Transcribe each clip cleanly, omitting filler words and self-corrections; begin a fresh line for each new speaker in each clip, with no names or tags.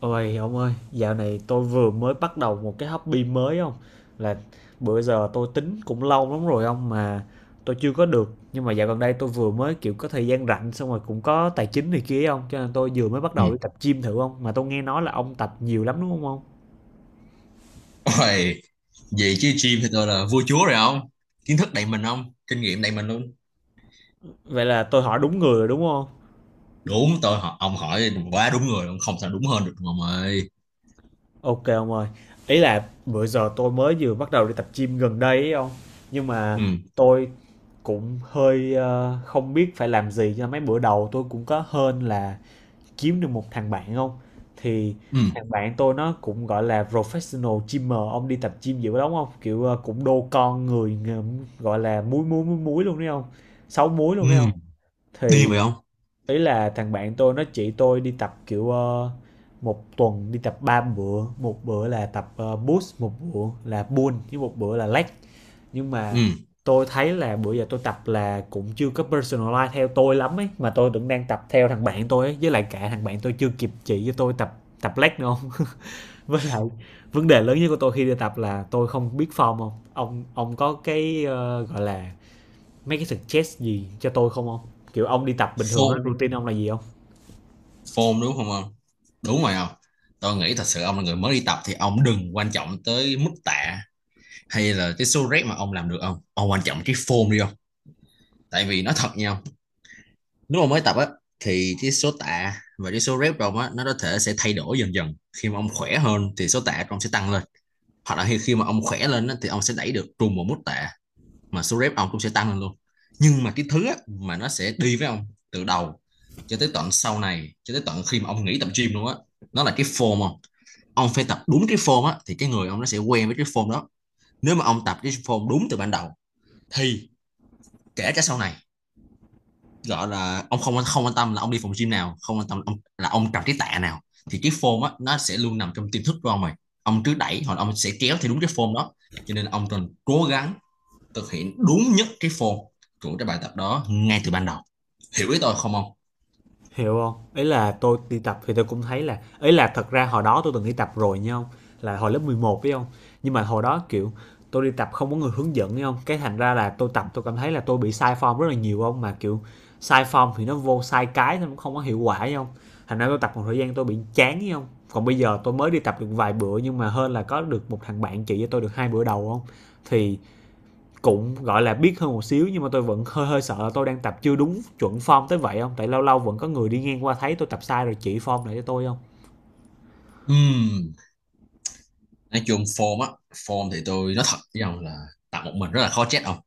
Ôi ông ơi, dạo này tôi vừa mới bắt đầu một cái hobby mới không? Là bữa giờ tôi tính cũng lâu lắm rồi ông mà tôi chưa có được. Nhưng mà dạo gần đây tôi vừa mới kiểu có thời gian rảnh xong rồi cũng có tài chính này kia không? Cho nên tôi vừa mới bắt
Ừ.
đầu đi tập gym thử không? Mà tôi nghe nói là ông tập nhiều lắm đúng không ông?
Ôi, Vậy chứ gym thì tôi là vua chúa rồi không? Kiến thức đầy mình không? Kinh nghiệm đầy mình luôn.
Vậy là tôi hỏi đúng người rồi đúng không?
Đúng, tôi hỏi, ông hỏi quá đúng người, ông không sao đúng hơn được ông ơi.
Ok ông ơi. Ý là bữa giờ tôi mới vừa bắt đầu đi tập gym gần đây ấy ông. Nhưng mà
Ừ,
tôi cũng hơi không biết phải làm gì cho mấy bữa đầu. Tôi cũng có hên là kiếm được một thằng bạn không? Thì
ừ,
thằng bạn tôi nó cũng, gọi là, professional gymmer, ông đi tập gym dữ lắm không, kiểu, cũng đô con người, ng gọi là, múi, múi, múi, múi luôn đấy không, sáu múi
ừ,
luôn đấy không?
đi
Thì
vậy không?
ý là thằng bạn tôi nó chỉ tôi đi tập, kiểu, 1 tuần đi tập 3 bữa, một bữa là tập, push, một bữa là pull, với một bữa là leg. Nhưng mà
Ừ,
tôi thấy là bữa giờ tôi tập là cũng chưa có personalize theo tôi lắm ấy, mà tôi vẫn đang tập theo thằng bạn tôi ấy, với lại cả thằng bạn tôi chưa kịp chỉ cho tôi tập tập leg nữa không. Với lại vấn đề lớn nhất của tôi khi đi tập là tôi không biết form không? Ông có cái gọi là mấy cái suggest gì cho tôi không không, kiểu ông đi tập bình thường á,
form
routine ông là gì không?
form đúng không ông? Đúng rồi không? Tôi nghĩ thật sự ông là người mới đi tập thì ông đừng quan trọng tới mức tạ hay là cái số rep mà ông làm được không? Ông quan trọng cái form đi không? Tại vì nói thật nha, nếu mà mới tập á thì cái số tạ và cái số rep của ông á nó có thể sẽ thay đổi dần dần. Khi mà ông khỏe hơn thì số tạ của ông sẽ tăng lên, hoặc là khi khi mà ông khỏe lên á, thì ông sẽ đẩy được trùng một mức tạ mà số rep ông cũng sẽ tăng lên luôn. Nhưng mà cái thứ á, mà nó sẽ đi với ông từ đầu cho tới tận sau này, cho tới tận khi mà ông nghỉ tập gym luôn á, nó là cái form không? Ông phải tập đúng cái form á thì cái người ông nó sẽ quen với cái form đó. Nếu mà ông tập cái form đúng từ ban đầu thì kể cả sau này, gọi là ông không không quan tâm là ông đi phòng gym nào, không quan tâm ông, là ông cầm cái tạ nào, thì cái form á nó sẽ luôn nằm trong tiềm thức của ông rồi. Ông cứ đẩy hoặc ông sẽ kéo theo đúng cái form đó. Cho nên ông cần cố gắng thực hiện đúng nhất cái form của cái bài tập đó ngay từ ban đầu. Hiểu ý tôi không ông?
Hiểu không, ấy là tôi đi tập thì tôi cũng thấy là, ấy là, thật ra hồi đó tôi từng đi tập rồi nha không, là hồi lớp 11 phải không. Nhưng mà hồi đó kiểu tôi đi tập không có người hướng dẫn hiểu không, cái thành ra là tôi tập tôi cảm thấy là tôi bị sai form rất là nhiều không, mà kiểu sai form thì nó vô sai, cái nó cũng không có hiệu quả hiểu không. Thành ra tôi tập một thời gian tôi bị chán hiểu không. Còn bây giờ tôi mới đi tập được vài bữa, nhưng mà hơn là có được một thằng bạn chỉ cho tôi được hai bữa đầu không. Thì cũng gọi là biết hơn một xíu, nhưng mà tôi vẫn hơi hơi sợ là tôi đang tập chưa đúng chuẩn form tới vậy không, tại lâu lâu vẫn có người đi ngang qua thấy tôi tập sai rồi chỉ form lại cho tôi không.
Ừm, nói chung form á, form thì tôi nói thật với ông là tập một mình rất là khó chết ông.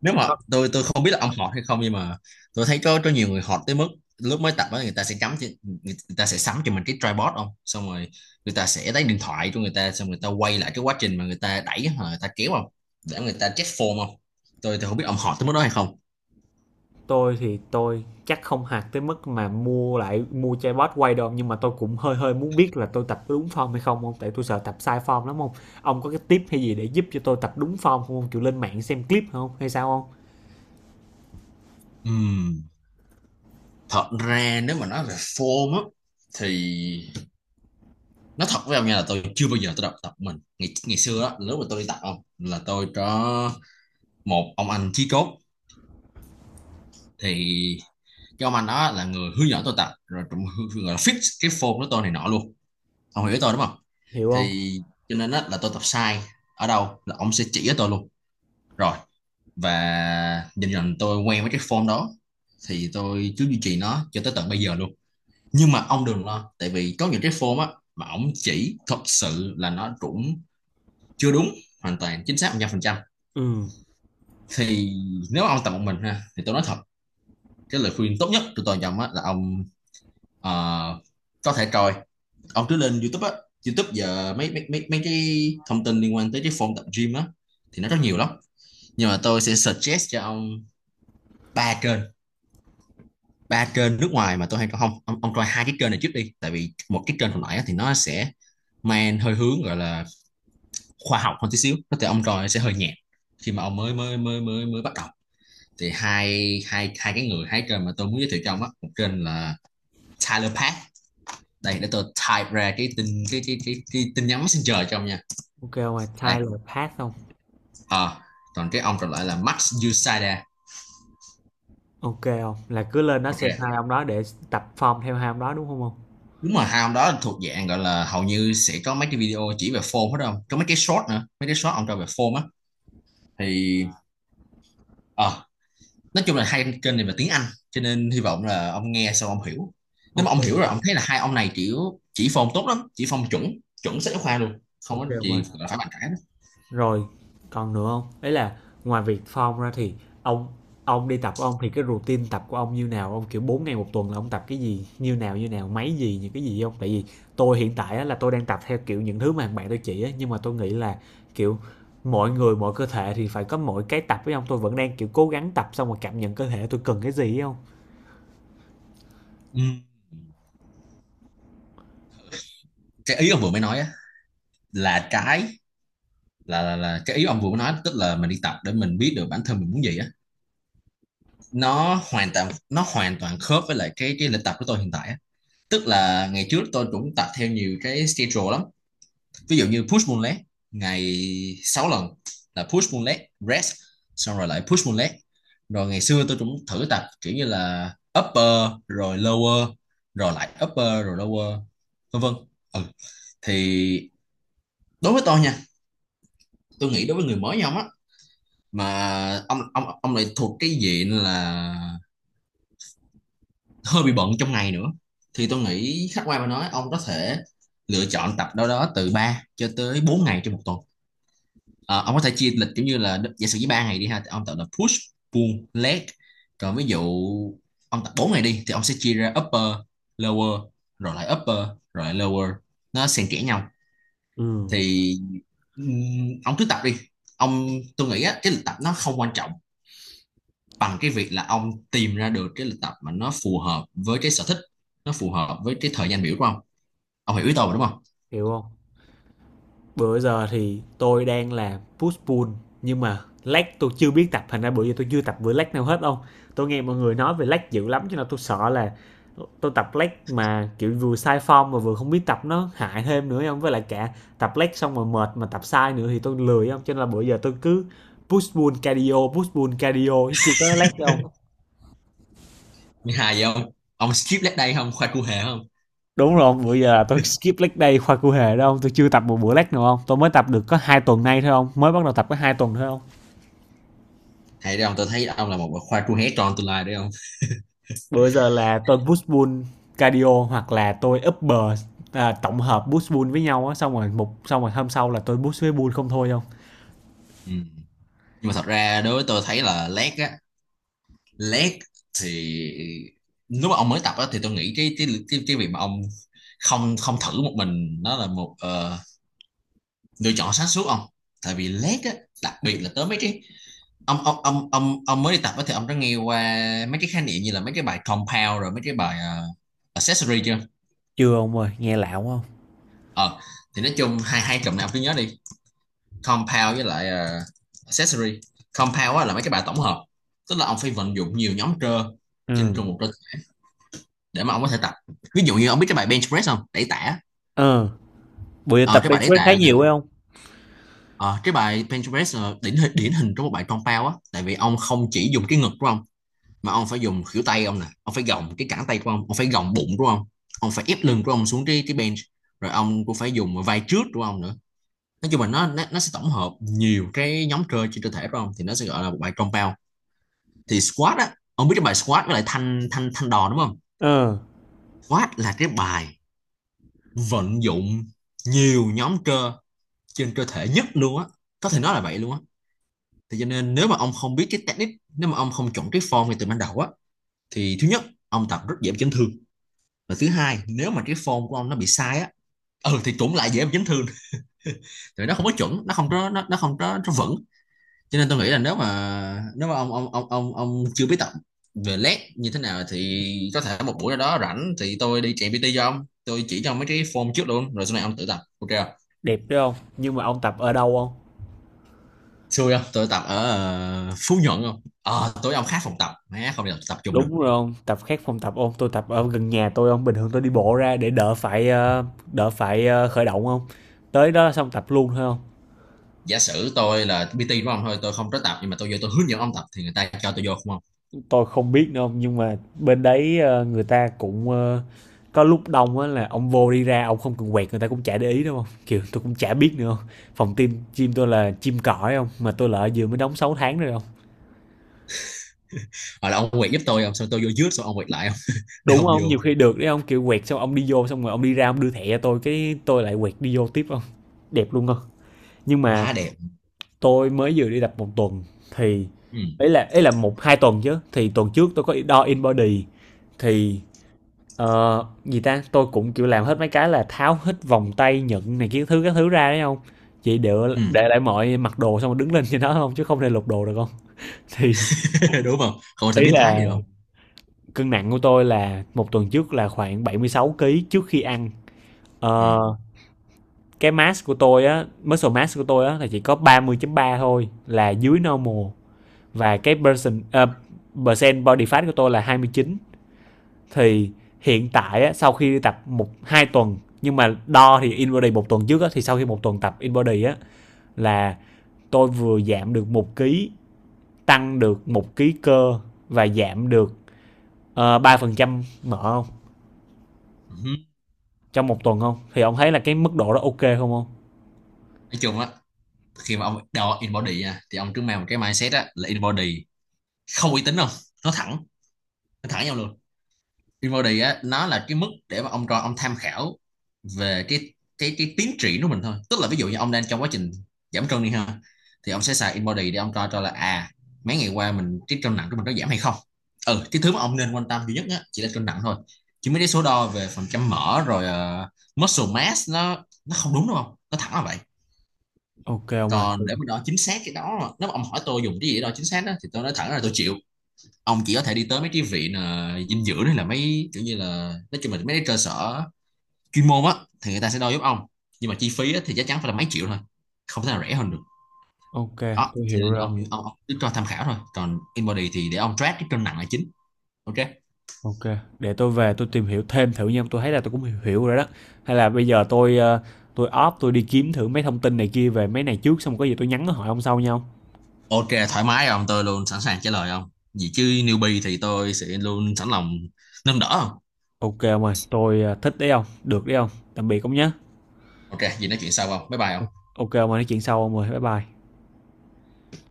Nếu mà
Không.
tôi không biết là ông họt hay không, nhưng mà tôi thấy có nhiều người họt tới mức lúc mới tập á người ta sẽ người ta sẽ sắm cho mình cái tripod không, xong rồi người ta sẽ lấy điện thoại cho người ta, xong người ta quay lại cái quá trình mà người ta đẩy hoặc là người ta kéo không, để người ta check form không. Tôi không biết ông họt tới mức đó hay không.
Tôi thì tôi chắc không hạt tới mức mà mua lại mua chai bót quay đâu, nhưng mà tôi cũng hơi hơi muốn biết là tôi tập đúng form hay không không, tại tôi sợ tập sai form lắm không. Ông có cái tip hay gì để giúp cho tôi tập đúng form không ông, kiểu lên mạng xem clip không hay sao không?
Ừm, Thật ra nếu mà nói về form á thì nói thật với ông nha, là tôi chưa bao giờ tôi tập tập mình ngày ngày xưa á, lúc mà tôi đi tập không, là tôi có một ông anh chí cốt, thì cho anh đó là người hướng dẫn tôi tập, rồi cũng gọi là fix cái form của tôi này nọ luôn. Ông hiểu tôi đúng không?
Hiểu không.
Thì cho nên là tôi tập sai ở đâu là ông sẽ chỉ cho tôi luôn, rồi và dần dần tôi quen với cái form đó, thì tôi cứ duy trì nó cho tới tận bây giờ luôn. Nhưng mà ông đừng lo, tại vì có những cái form á mà ông chỉ thật sự là nó cũng chưa đúng hoàn toàn chính xác 100%.
Ừ.
Thì nếu ông tập một mình ha, thì tôi nói thật, cái lời khuyên tốt nhất của tôi cho ông á là ông Ờ, có thể coi, ông cứ lên YouTube á. YouTube giờ mấy mấy mấy mấy cái thông tin liên quan tới cái form tập gym á thì nó rất nhiều lắm. Nhưng mà tôi sẽ suggest cho ông ba kênh, ba kênh nước ngoài mà tôi hay coi không ông, ông coi hai cái kênh này trước đi. Tại vì một cái kênh hồi nãy á, thì nó sẽ mang hơi hướng gọi là khoa học hơn tí xíu, có thể ông coi sẽ hơi nhạt khi mà ông mới mới mới mới mới bắt đầu. Thì hai hai hai cái người hai kênh mà tôi muốn giới thiệu cho ông á, một kênh là Tyler Pack. Đây, để tôi type ra cái tin nhắn messenger cho ông nha.
Ok không. Mà
Đây,
Tyler Path không.
ờ còn cái ông còn lại là Max Yusada.
Ok không, là cứ lên đó
Ok,
xem hai ông đó để tập form theo hai ông đó đúng không không?
đúng rồi, hai ông đó thuộc dạng gọi là hầu như sẽ có mấy cái video chỉ về form hết không, có mấy cái short nữa, mấy cái short ông cho về form á, thì ờ nói chung là hai kênh này về tiếng Anh, cho nên hy vọng là ông nghe xong ông hiểu. Nếu mà ông hiểu
Ok.
rồi ông thấy là hai ông này kiểu chỉ form tốt lắm, chỉ form chuẩn, chuẩn sách giáo khoa luôn, không có
OK ông ơi.
gì phải bàn cãi đó.
Rồi, còn nữa không? Đấy là ngoài việc form ra thì ông ông đi tập của ông thì cái routine tập của ông như nào? Ông, kiểu, 4 ngày một tuần là ông tập cái gì? Như nào, như nào? Máy gì, những cái gì không? Tại vì tôi hiện tại á là tôi đang tập theo, kiểu, những thứ mà thằng bạn tôi chỉ á, nhưng mà tôi nghĩ là, kiểu, mọi người mỗi cơ thể thì phải có mỗi cái tập với ông. Tôi vẫn đang, kiểu, cố gắng tập xong rồi cảm nhận cơ thể tôi cần cái gì ấy hông?
Ừ. Cái ý ông vừa mới nói á, là cái, là cái ý ông vừa nói, tức là mình đi tập để mình biết được bản thân mình muốn gì á, nó hoàn toàn, nó hoàn toàn khớp với lại cái lịch tập của tôi hiện tại á. Tức là ngày trước tôi cũng tập theo nhiều cái schedule lắm, ví dụ như push pull leg, ngày 6 lần, là push pull leg rest, xong rồi lại push pull leg, rồi ngày xưa tôi cũng thử tập kiểu như là upper rồi lower, rồi lại upper rồi lower, vân vân. Ừ. Thì đối với tôi nha, tôi nghĩ đối với người mới nhau á, mà ông lại thuộc cái diện là hơi bị bận trong ngày nữa, thì tôi nghĩ khách quan mà nói, ông có thể lựa chọn tập đâu đó từ 3 cho tới 4 ngày trong một tuần. Ờ, ông có thể chia lịch giống như là giả sử với 3 ngày đi ha, thì ông tập là push pull leg. Còn ví dụ ông tập 4 ngày đi thì ông sẽ chia ra upper lower, rồi lại upper rồi lại lower, nó xen kẽ nhau.
Ừm.
Thì ừm, ông cứ tập đi ông, tôi nghĩ á, cái lịch tập nó không quan trọng bằng cái việc là ông tìm ra được cái lịch tập mà nó phù hợp với cái sở thích, nó phù hợp với cái thời gian biểu của ông. Ông hiểu ý tôi mà, đúng không?
Hiểu không? Bữa giờ thì tôi đang làm push pull, nhưng mà lag tôi chưa biết tập, thành ra bữa giờ tôi chưa tập bữa lag nào hết đâu. Tôi nghe mọi người nói về lag dữ lắm, cho nên tôi sợ là tôi tập lag mà kiểu vừa sai form mà vừa không biết tập, nó hại thêm nữa không, với lại cả tập lag xong rồi mệt mà tập sai nữa thì tôi lười không. Cho nên là bữa giờ tôi cứ push pull cardio chứ chưa có lag không.
Thứ hai giờ ông skip leg day không khoa cua hề không?
Đúng rồi không? Bữa giờ là tôi skip leg day khoa cụ hề đâu, tôi chưa tập một bữa leg nào không, tôi mới tập được có hai tuần nay thôi không, mới bắt đầu tập có hai tuần thôi không.
Hay đấy ông, tôi thấy ông là một khoa cua hé tròn tương lai đấy ông.
Bữa giờ là tôi push pull cardio, hoặc là tôi upper, à, tổng hợp push pull với nhau á, xong rồi một, xong rồi hôm sau là tôi push với pull không thôi không?
Ừ. Nhưng mà thật ra đối với tôi thấy là leg á, leg thì nếu mà ông mới tập á thì tôi nghĩ cái việc mà ông không không thử một mình nó là một lựa chọn sáng suốt ông. Tại vì leg á, đặc biệt là tới mấy cái, ông mới đi tập á thì ông đã nghe qua mấy cái khái niệm như là mấy cái bài compound rồi mấy cái bài accessory chưa?
Chưa ông ơi, nghe lạo không?
Ờ, thì nói chung hai hai cụm này ông cứ nhớ đi: compound với lại accessory. Compound á là mấy cái bài tổng hợp, tức là ông phải vận dụng nhiều nhóm cơ trên
Ừ.
cùng một cơ để mà ông có thể tập. Ví dụ như ông biết cái bài bench press không, đẩy tạ.
Ừ. Bữa giờ
Ờ
tập
cái bài
bench
đẩy
press khá
tạ là,
nhiều phải không?
ờ, cái bài bench press là điển hình, điển hình trong một bài compound á, tại vì ông không chỉ dùng cái ngực của ông mà ông phải dùng khuỷu tay ông nè, ông phải gồng cái cẳng tay của ông phải gồng bụng của ông phải ép lưng của ông xuống cái bench, rồi ông cũng phải dùng vai trước của ông nữa. Nói chung là sẽ tổng hợp nhiều cái nhóm cơ trên cơ thể của ông thì nó sẽ gọi là một bài compound. Thì squat á, ông biết cái bài squat với lại thanh thanh thanh đòn đúng không?
Ừ.
Squat là cái bài vận dụng nhiều nhóm cơ trên cơ thể nhất luôn á, có thể nói là vậy luôn á. Thì cho nên nếu mà ông không biết cái technique, nếu mà ông không chuẩn cái form ngay từ ban đầu á, thì thứ nhất, ông tập rất dễ chấn thương. Và thứ hai, nếu mà cái form của ông nó bị sai á, ừ, thì cũng lại dễ bị chấn thương. Tại nó không có chuẩn, nó không có nó vững. Cho nên tôi nghĩ là nếu mà ông chưa biết tập về led như thế nào, thì có thể một buổi nào đó rảnh thì tôi đi chạy PT cho ông, tôi chỉ cho ông mấy cái form trước luôn, rồi sau này ông tự tập ok không?
Đẹp đấy không? Nhưng mà ông tập ở đâu không?
Xui không, tôi tập ở Phú Nhuận không. Tối ông khác phòng tập má, không thể tập chung được.
Đúng rồi ông. Tập khác phòng tập không? Tôi tập ở gần nhà tôi không? Bình thường tôi đi bộ ra để đỡ phải đỡ phải khởi động không? Tới đó xong tập luôn thôi không?
Giả sử tôi là PT của ông thôi, tôi không có tập, nhưng mà tôi vô tôi hướng dẫn ông tập thì người ta cho tôi vô không?
Tôi không biết nữa không, nhưng mà bên đấy người ta cũng có lúc đông á là ông vô đi ra ông không cần quẹt người ta cũng chả để ý đúng không, kiểu tôi cũng chả biết nữa không. Phòng tim chim tôi là chim cõi không, mà tôi là vừa mới đóng 6 tháng rồi không.
Hoặc là ông quẹt giúp tôi ông, xong tôi vô trước, xong ông quẹt lại không? Để
Đúng
ông
không,
vô.
nhiều khi được đấy không, kiểu quẹt xong ông đi vô xong rồi ông đi ra ông đưa thẻ cho tôi cái tôi lại quẹt đi vô tiếp không. Đẹp luôn không. Nhưng mà
Quá đẹp.
tôi mới vừa đi tập một tuần thì
Ừ.
ấy là, ấy là một hai tuần chứ, thì tuần trước tôi có đo in body thì, gì ta? Tôi cũng kiểu làm hết mấy cái là tháo hết vòng tay, nhẫn này kiến thứ các thứ ra đấy không? Chị để
Ừ.
để lại mọi mặc đồ xong rồi đứng lên trên đó không, chứ không thể lục đồ được không. Thì
Đúng không, không sẽ
ý
biến thái
là
được không.
cân nặng của tôi là một tuần trước là khoảng 76 kg trước khi ăn.
Ừ.
Ờ, cái mass của tôi á, muscle mass của tôi á là chỉ có 30.3 thôi, là dưới normal, và cái person percent body fat của tôi là 29. Thì hiện tại sau khi tập một hai tuần, nhưng mà đo thì InBody một tuần trước á, thì sau khi một tuần tập InBody á là tôi vừa giảm được một ký, tăng được một ký cơ, và giảm được 3% mỡ không,
Ừ.
trong một tuần không. Thì ông thấy là cái mức độ đó ok không không?
Nói chung á, khi mà ông đo in body nha, thì ông cứ mang một cái mindset á là in body không uy tín không, nó thẳng nó thẳng nhau luôn. Peabody á nó là cái mức để mà ông cho ông tham khảo về cái tiến triển của mình thôi, tức là ví dụ như ông đang trong quá trình giảm cân đi ha, thì ông sẽ xài InBody để ông coi cho là à, mấy ngày qua mình cái cân nặng của mình có giảm hay không. Ừ, cái thứ mà ông nên quan tâm duy nhất á chỉ là cân nặng thôi, chứ mấy cái số đo về phần trăm mỡ rồi muscle mass, nó không đúng đúng không, nó thẳng là vậy.
Ok ông ơi,
Còn để mà đo chính xác cái đó, nếu mà ông hỏi tôi dùng cái gì để đo chính xác đó, thì tôi nói thẳng là tôi chịu. Ông chỉ có thể đi tới mấy cái viện dinh dưỡng, hay là mấy kiểu như là nói chung là mấy cái cơ sở chuyên môn á, thì người ta sẽ đo giúp ông. Nhưng mà chi phí á, thì chắc chắn phải là mấy triệu thôi, không thể nào rẻ hơn được.
ok,
Đó,
tôi
cho
hiểu
nên
rồi.
ông cứ cho tham khảo thôi, còn InBody thì để ông track cái cân nặng là chính. Ok.
Ok, để tôi về tôi tìm hiểu thêm thử nha, tôi thấy là tôi cũng hiểu, hiểu rồi đó. Hay là bây giờ tôi tôi off tôi đi kiếm thử mấy thông tin này kia về mấy này trước xong có gì tôi nhắn hỏi ông sau nhau.
Ok thoải mái ông, tôi luôn sẵn sàng trả lời ông, gì chứ newbie thì tôi sẽ luôn sẵn lòng nâng đỡ ông.
Ok ông ơi, tôi à, thích đấy ông, được đấy ông. Tạm biệt ông nhé.
Ok, gì nói chuyện sau không, bye bye ông.
Ok ông ơi, nói chuyện sau ông ơi, bye bye.